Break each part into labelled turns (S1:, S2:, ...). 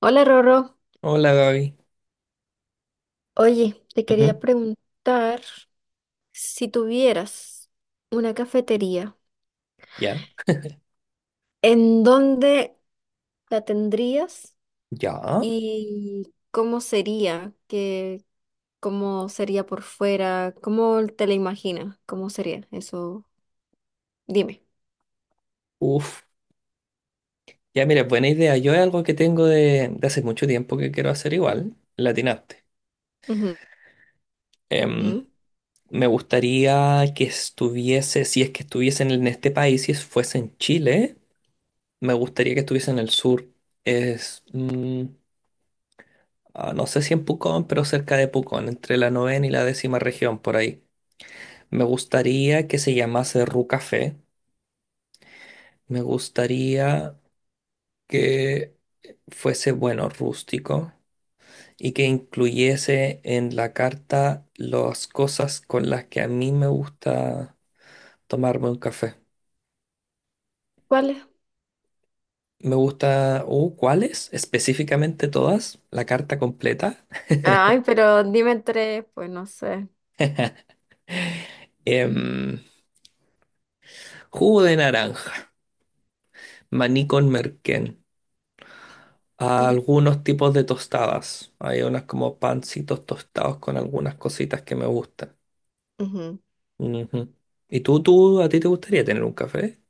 S1: Hola Rorro,
S2: Hola Gaby.
S1: oye, te
S2: Ujú.
S1: quería preguntar si tuvieras una cafetería,
S2: Ya,
S1: ¿en dónde la tendrías
S2: ya.
S1: y cómo sería? ¿Qué, cómo sería por fuera? ¿Cómo te la imaginas? ¿Cómo sería eso? Dime.
S2: Uf. Ya, mira, buena idea. Yo es algo que tengo de hace mucho tiempo que quiero hacer igual. Latinaste.
S1: Ujú. Ujú.
S2: Me gustaría que estuviese, si es que estuviesen en este país, si es- fuese en Chile, me gustaría que estuviese en el sur. Es, mm, no sé si en Pucón, pero cerca de Pucón, entre la novena y la décima región, por ahí. Me gustaría que se llamase Ru Café. Me gustaría que fuese, bueno, rústico, y que incluyese en la carta las cosas con las que a mí me gusta tomarme un café.
S1: ¿Cuál es?
S2: Me gusta, ¿cuáles? Específicamente todas, la carta completa.
S1: Ay, pero dime tres, pues no sé.
S2: Em, jugo de naranja, maní con merquén, algunos tipos de tostadas. Hay unas como pancitos tostados con algunas cositas que me gustan.
S1: Ujú.
S2: Ujú. ¿Y tú, a ti te gustaría tener un café?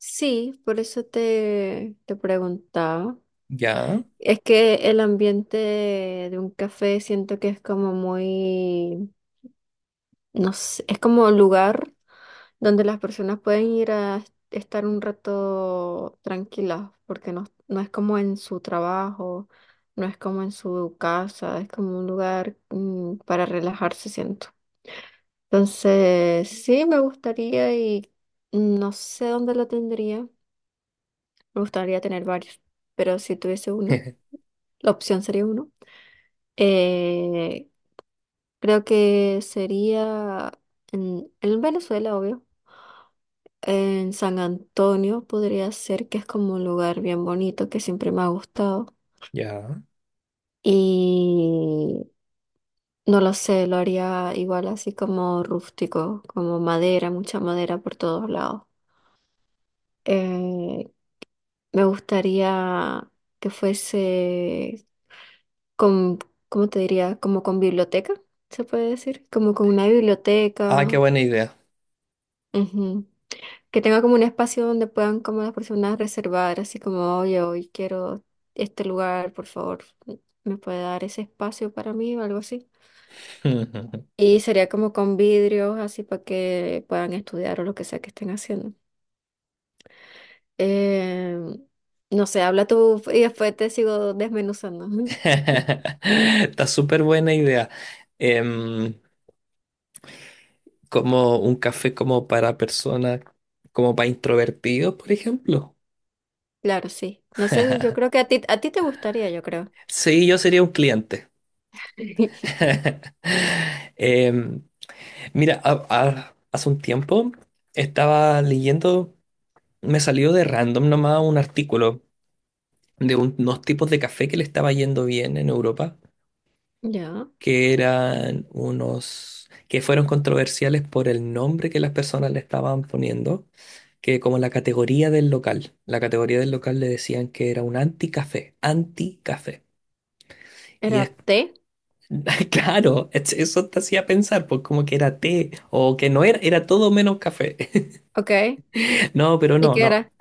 S1: Sí, por eso te preguntaba.
S2: Ya.
S1: Es que el ambiente de un café siento que es como muy, no sé, es como lugar donde las personas pueden ir a estar un rato tranquilas, porque no, no es como en su trabajo, no es como en su casa, es como un lugar para relajarse, siento. Entonces, sí, me gustaría y no sé dónde lo tendría. Me gustaría tener varios, pero si tuviese uno, la opción sería uno. Eh, Creo que sería en Venezuela, obvio. En San Antonio podría ser que es como un lugar bien bonito que siempre me ha gustado.
S2: Ya.
S1: Y no lo sé, lo haría igual así como rústico, como madera, mucha madera por todos lados. Eh, me gustaría que fuese con, ¿cómo te diría? Como con biblioteca, se puede decir. Como con una
S2: Ah, qué
S1: biblioteca.
S2: buena idea.
S1: Ujú. Que tenga como un espacio donde puedan como las personas reservar, así como, oye, hoy quiero este lugar, por favor, ¿me puede dar ese espacio para mí o algo así? Y sería como con vidrios, así para que puedan estudiar o lo que sea que estén haciendo. Eh, no sé, habla tú y después te sigo desmenuzando. Ujú.
S2: Está súper buena idea. Em, como un café como para personas, como para introvertidos, por ejemplo.
S1: Claro, sí. No sé, yo creo que a ti te gustaría, yo creo.
S2: Sí, yo sería un cliente. Em, mira, hace un tiempo estaba leyendo, me salió de random nomás un artículo de unos tipos de café que le estaba yendo bien en Europa,
S1: Ya.
S2: que eran unos, que fueron controversiales por el nombre que las personas le estaban poniendo, que como la categoría del local, la categoría del local le decían que era un anticafé, anticafé. Y
S1: Era
S2: es,
S1: té,
S2: claro, eso te hacía pensar, pues, como que era té, o que no era, era todo menos café.
S1: ok.
S2: No, pero
S1: ¿Y
S2: no,
S1: qué
S2: no.
S1: era?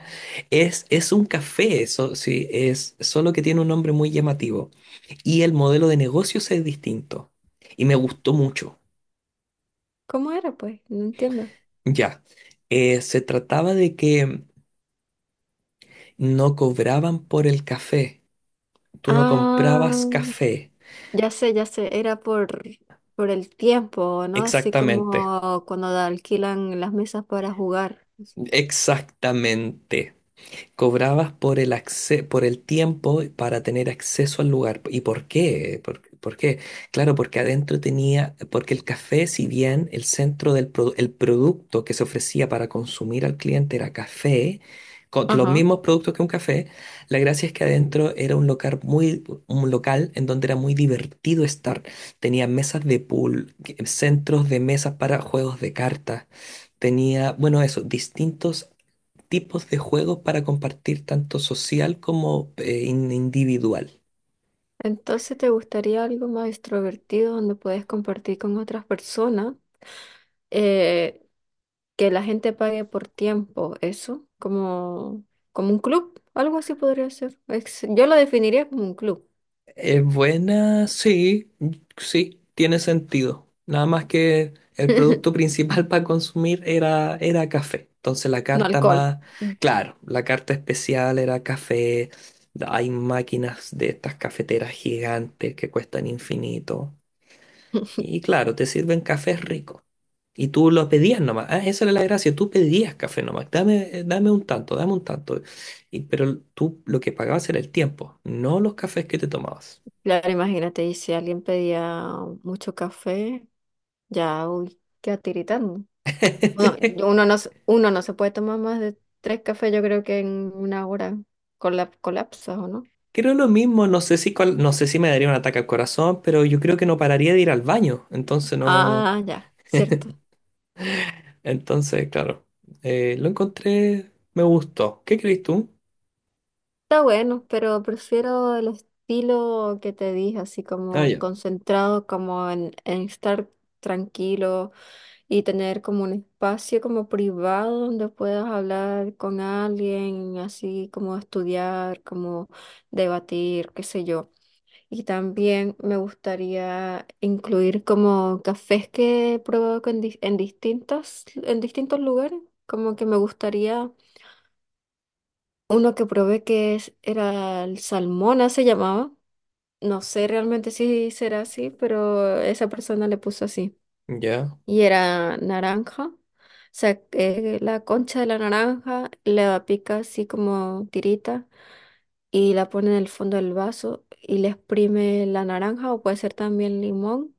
S2: Es un café, eso sí, es solo que tiene un nombre muy llamativo. Y el modelo de negocios es distinto. Y me gustó mucho.
S1: ¿Cómo era, pues? No entiendo.
S2: Ya. Se trataba de que no cobraban por el café. Tú no comprabas
S1: Ah.
S2: café.
S1: Ya sé, era por el tiempo, ¿no? Así
S2: Exactamente,
S1: como cuando alquilan las mesas para jugar.
S2: exactamente. Cobrabas por por el tiempo para tener acceso al lugar. ¿Y por qué? Por qué? Claro, porque adentro tenía, porque el café, si bien el centro el producto que se ofrecía para consumir al cliente era café, con los
S1: Ajá.
S2: mismos productos que un café, la gracia es que adentro era un local en donde era muy divertido estar. Tenía mesas de pool, centros de mesas para juegos de cartas. Tenía, bueno, eso, distintos tipos de juegos para compartir tanto social como individual.
S1: Entonces, ¿te gustaría algo más extrovertido donde puedes compartir con otras personas? Eh, que la gente pague por tiempo, eso, como, como un club, algo así podría ser. Yo lo definiría como un club,
S2: ¿Es buena? Sí, sí, tiene sentido. Nada más que el producto principal para consumir era café. Entonces la
S1: no
S2: carta
S1: alcohol.
S2: más,
S1: Mm.
S2: claro, la carta especial era café. Hay máquinas de estas cafeteras gigantes que cuestan infinito. Y claro, te sirven cafés ricos. Y tú lo pedías nomás. Ah, esa era la gracia. Tú pedías café nomás. Dame, dame un tanto, dame un tanto. Y, pero tú lo que pagabas era el tiempo, no los cafés que te tomabas.
S1: Claro, imagínate, y si alguien pedía mucho café, ya, uy, queda tiritando. Bueno, uno no, uno no se puede tomar más de tres cafés, yo creo que en una hora colapsas, ¿o no?
S2: Creo lo mismo, no sé no sé si me daría un ataque al corazón, pero yo creo que no pararía de ir al baño. Entonces no.
S1: Ah, ya, cierto.
S2: Entonces, claro, lo encontré. Me gustó. ¿Qué crees tú?
S1: Está bueno, pero prefiero el estilo que te dije, así
S2: Ah,
S1: como
S2: ya.
S1: concentrado, como en estar tranquilo y tener como un espacio como privado donde puedas hablar con alguien, así como estudiar, como debatir, qué sé yo. Y también me gustaría incluir como cafés que he probado con en distintas, en distintos lugares. Como que me gustaría uno que probé que era el Salmona, se llamaba. No sé realmente si será así, pero esa persona le puso así.
S2: Ya.
S1: Y era naranja. O sea, la concha de la naranja la pica así como tirita y la pone en el fondo del vaso y le exprime la naranja o puede ser también limón.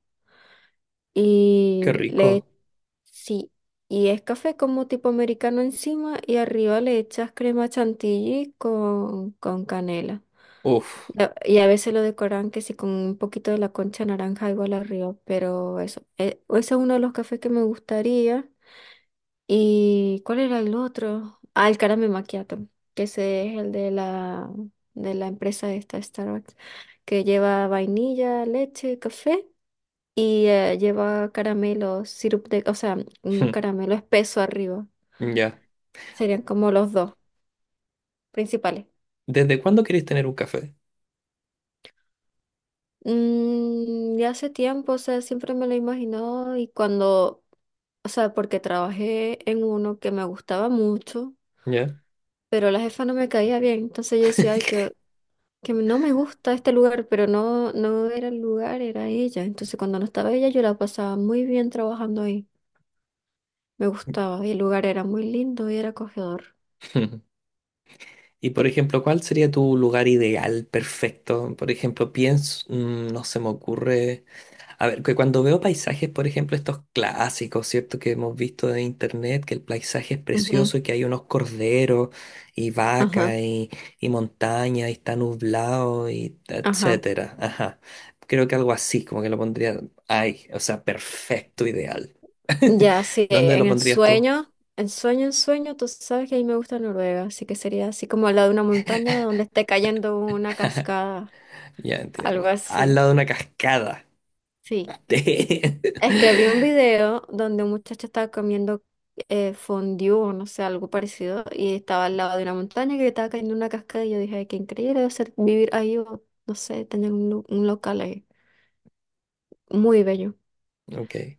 S2: Qué
S1: Y le,
S2: rico.
S1: sí, y es café como tipo americano encima y arriba le echas crema chantilly con canela.
S2: Uf.
S1: Y a veces lo decoran que sí con un poquito de la concha naranja igual arriba, pero eso, ese es uno de los cafés que me gustaría. ¿Y cuál era el otro? Ah, el Caramel Macchiato, que ese es el de la empresa esta, Starbucks, que lleva vainilla, leche, café y lleva caramelo, sirup de, o sea, un caramelo espeso arriba.
S2: Ya.
S1: Serían como los dos principales.
S2: ¿Desde cuándo querés tener un café?
S1: Mm, ya hace tiempo, o sea, siempre me lo he imaginado y cuando, o sea, porque trabajé en uno que me gustaba mucho,
S2: ¿Ya?
S1: pero la jefa no me caía bien, entonces yo decía, ay, que no me gusta este lugar, pero no, no era el lugar, era ella. Entonces cuando no estaba ella, yo la pasaba muy bien trabajando ahí, me gustaba y el lugar era muy lindo y era acogedor.
S2: Y por ejemplo, ¿cuál sería tu lugar ideal, perfecto? Por ejemplo, pienso, no se me ocurre. A ver, que cuando veo paisajes, por ejemplo, estos clásicos, ¿cierto? Que hemos visto de internet, que el paisaje es
S1: Ujú,
S2: precioso y que hay unos corderos y
S1: ajá,
S2: vacas y montaña y está nublado y
S1: ajá.
S2: etcétera. Ajá. Creo que algo así, como que lo pondría. Ay, o sea, perfecto, ideal.
S1: Ya, sí,
S2: ¿Dónde
S1: en
S2: lo
S1: el
S2: pondrías tú?
S1: sueño, en sueño, tú sabes que a mí me gusta Noruega, así que sería así como al lado de una montaña donde esté cayendo una cascada,
S2: Ya entiendo.
S1: algo
S2: Bueno, al
S1: así.
S2: lado de una cascada.
S1: Sí. Es que vi un video donde un muchacho estaba comiendo fondue o no sé, algo parecido, y estaba al lado de una montaña que estaba cayendo una cascada, y yo dije, "Ay, qué increíble debe ser vivir ahí o no sé, tener un, un local ahí. Muy bello.
S2: Ok,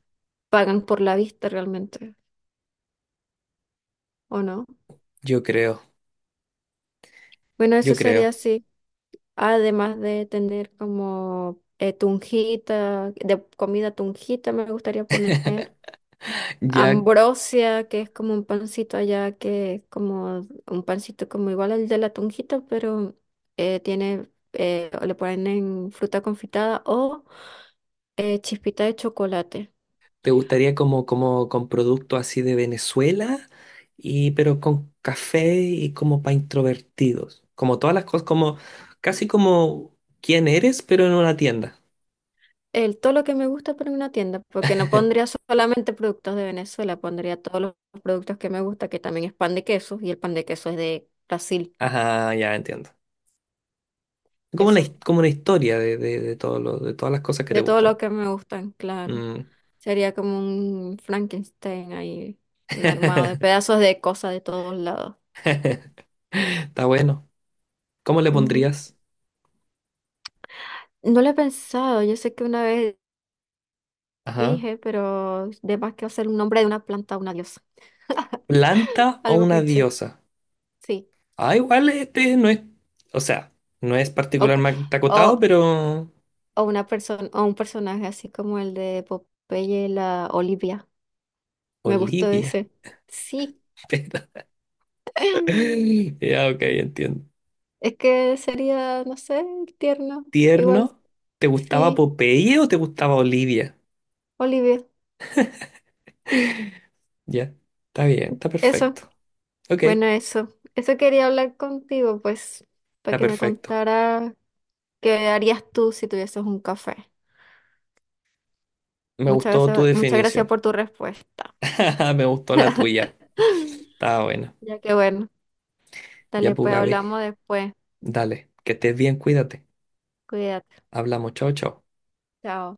S1: Pagan por la vista realmente, ¿o no?
S2: yo creo,
S1: Bueno,
S2: yo
S1: eso
S2: creo.
S1: sería así. Además de tener como tunjita, de comida tunjita me gustaría poner.
S2: Ya,
S1: Ambrosia, que es como un pancito allá, que es como un pancito como igual al de la tunjita, pero tiene, le ponen fruta confitada o chispita de chocolate.
S2: te gustaría como, como con producto así de Venezuela, y, pero con café y como para introvertidos. Como todas las cosas, como casi como quién eres, pero en una tienda.
S1: El, todo lo que me gusta pero en una tienda, porque no pondría solamente productos de Venezuela, pondría todos los productos que me gusta, que también es pan de queso, y el pan de queso es de Brasil.
S2: Ajá, ya entiendo. Como una,
S1: Eso.
S2: como una historia de, de todas las cosas que te
S1: De todo lo
S2: gustan.
S1: que me gustan, claro.
S2: Mm.
S1: Sería como un Frankenstein ahí, un armado de pedazos de cosas de todos lados.
S2: Está bueno. ¿Cómo le
S1: Ujú.
S2: pondrías?
S1: No lo he pensado, yo sé que una vez
S2: Ajá.
S1: dije, pero de más que hacer un nombre de una planta una diosa.
S2: ¿Planta o
S1: Algo
S2: una
S1: cliché,
S2: diosa?
S1: sí.
S2: Ah, igual este no es, o sea, no es
S1: O,
S2: particularmente acotado,
S1: o,
S2: pero
S1: o una persona, o un personaje así como el de Popeye, la Olivia. Me gustó
S2: Olivia.
S1: ese. Sí.
S2: pero, ya, ok, entiendo.
S1: Es que sería, no sé, tierno. Igual,
S2: Tierno, ¿te gustaba
S1: sí,
S2: Popeye o te gustaba Olivia?
S1: Olivia.
S2: Ya, está bien, está
S1: Eso.
S2: perfecto. Ok, está
S1: Bueno, eso. Eso quería hablar contigo, pues, para que me
S2: perfecto.
S1: contara qué harías tú si tuvieses un café.
S2: Me gustó tu
S1: Muchas gracias
S2: definición.
S1: por tu respuesta.
S2: Me gustó la tuya. Está buena.
S1: Ya que bueno,
S2: Ya,
S1: dale,
S2: pues,
S1: pues
S2: Gaby,
S1: hablamos después.
S2: dale, que estés bien, cuídate.
S1: Cuídate.
S2: Hablamos, chao, chao.
S1: Chao.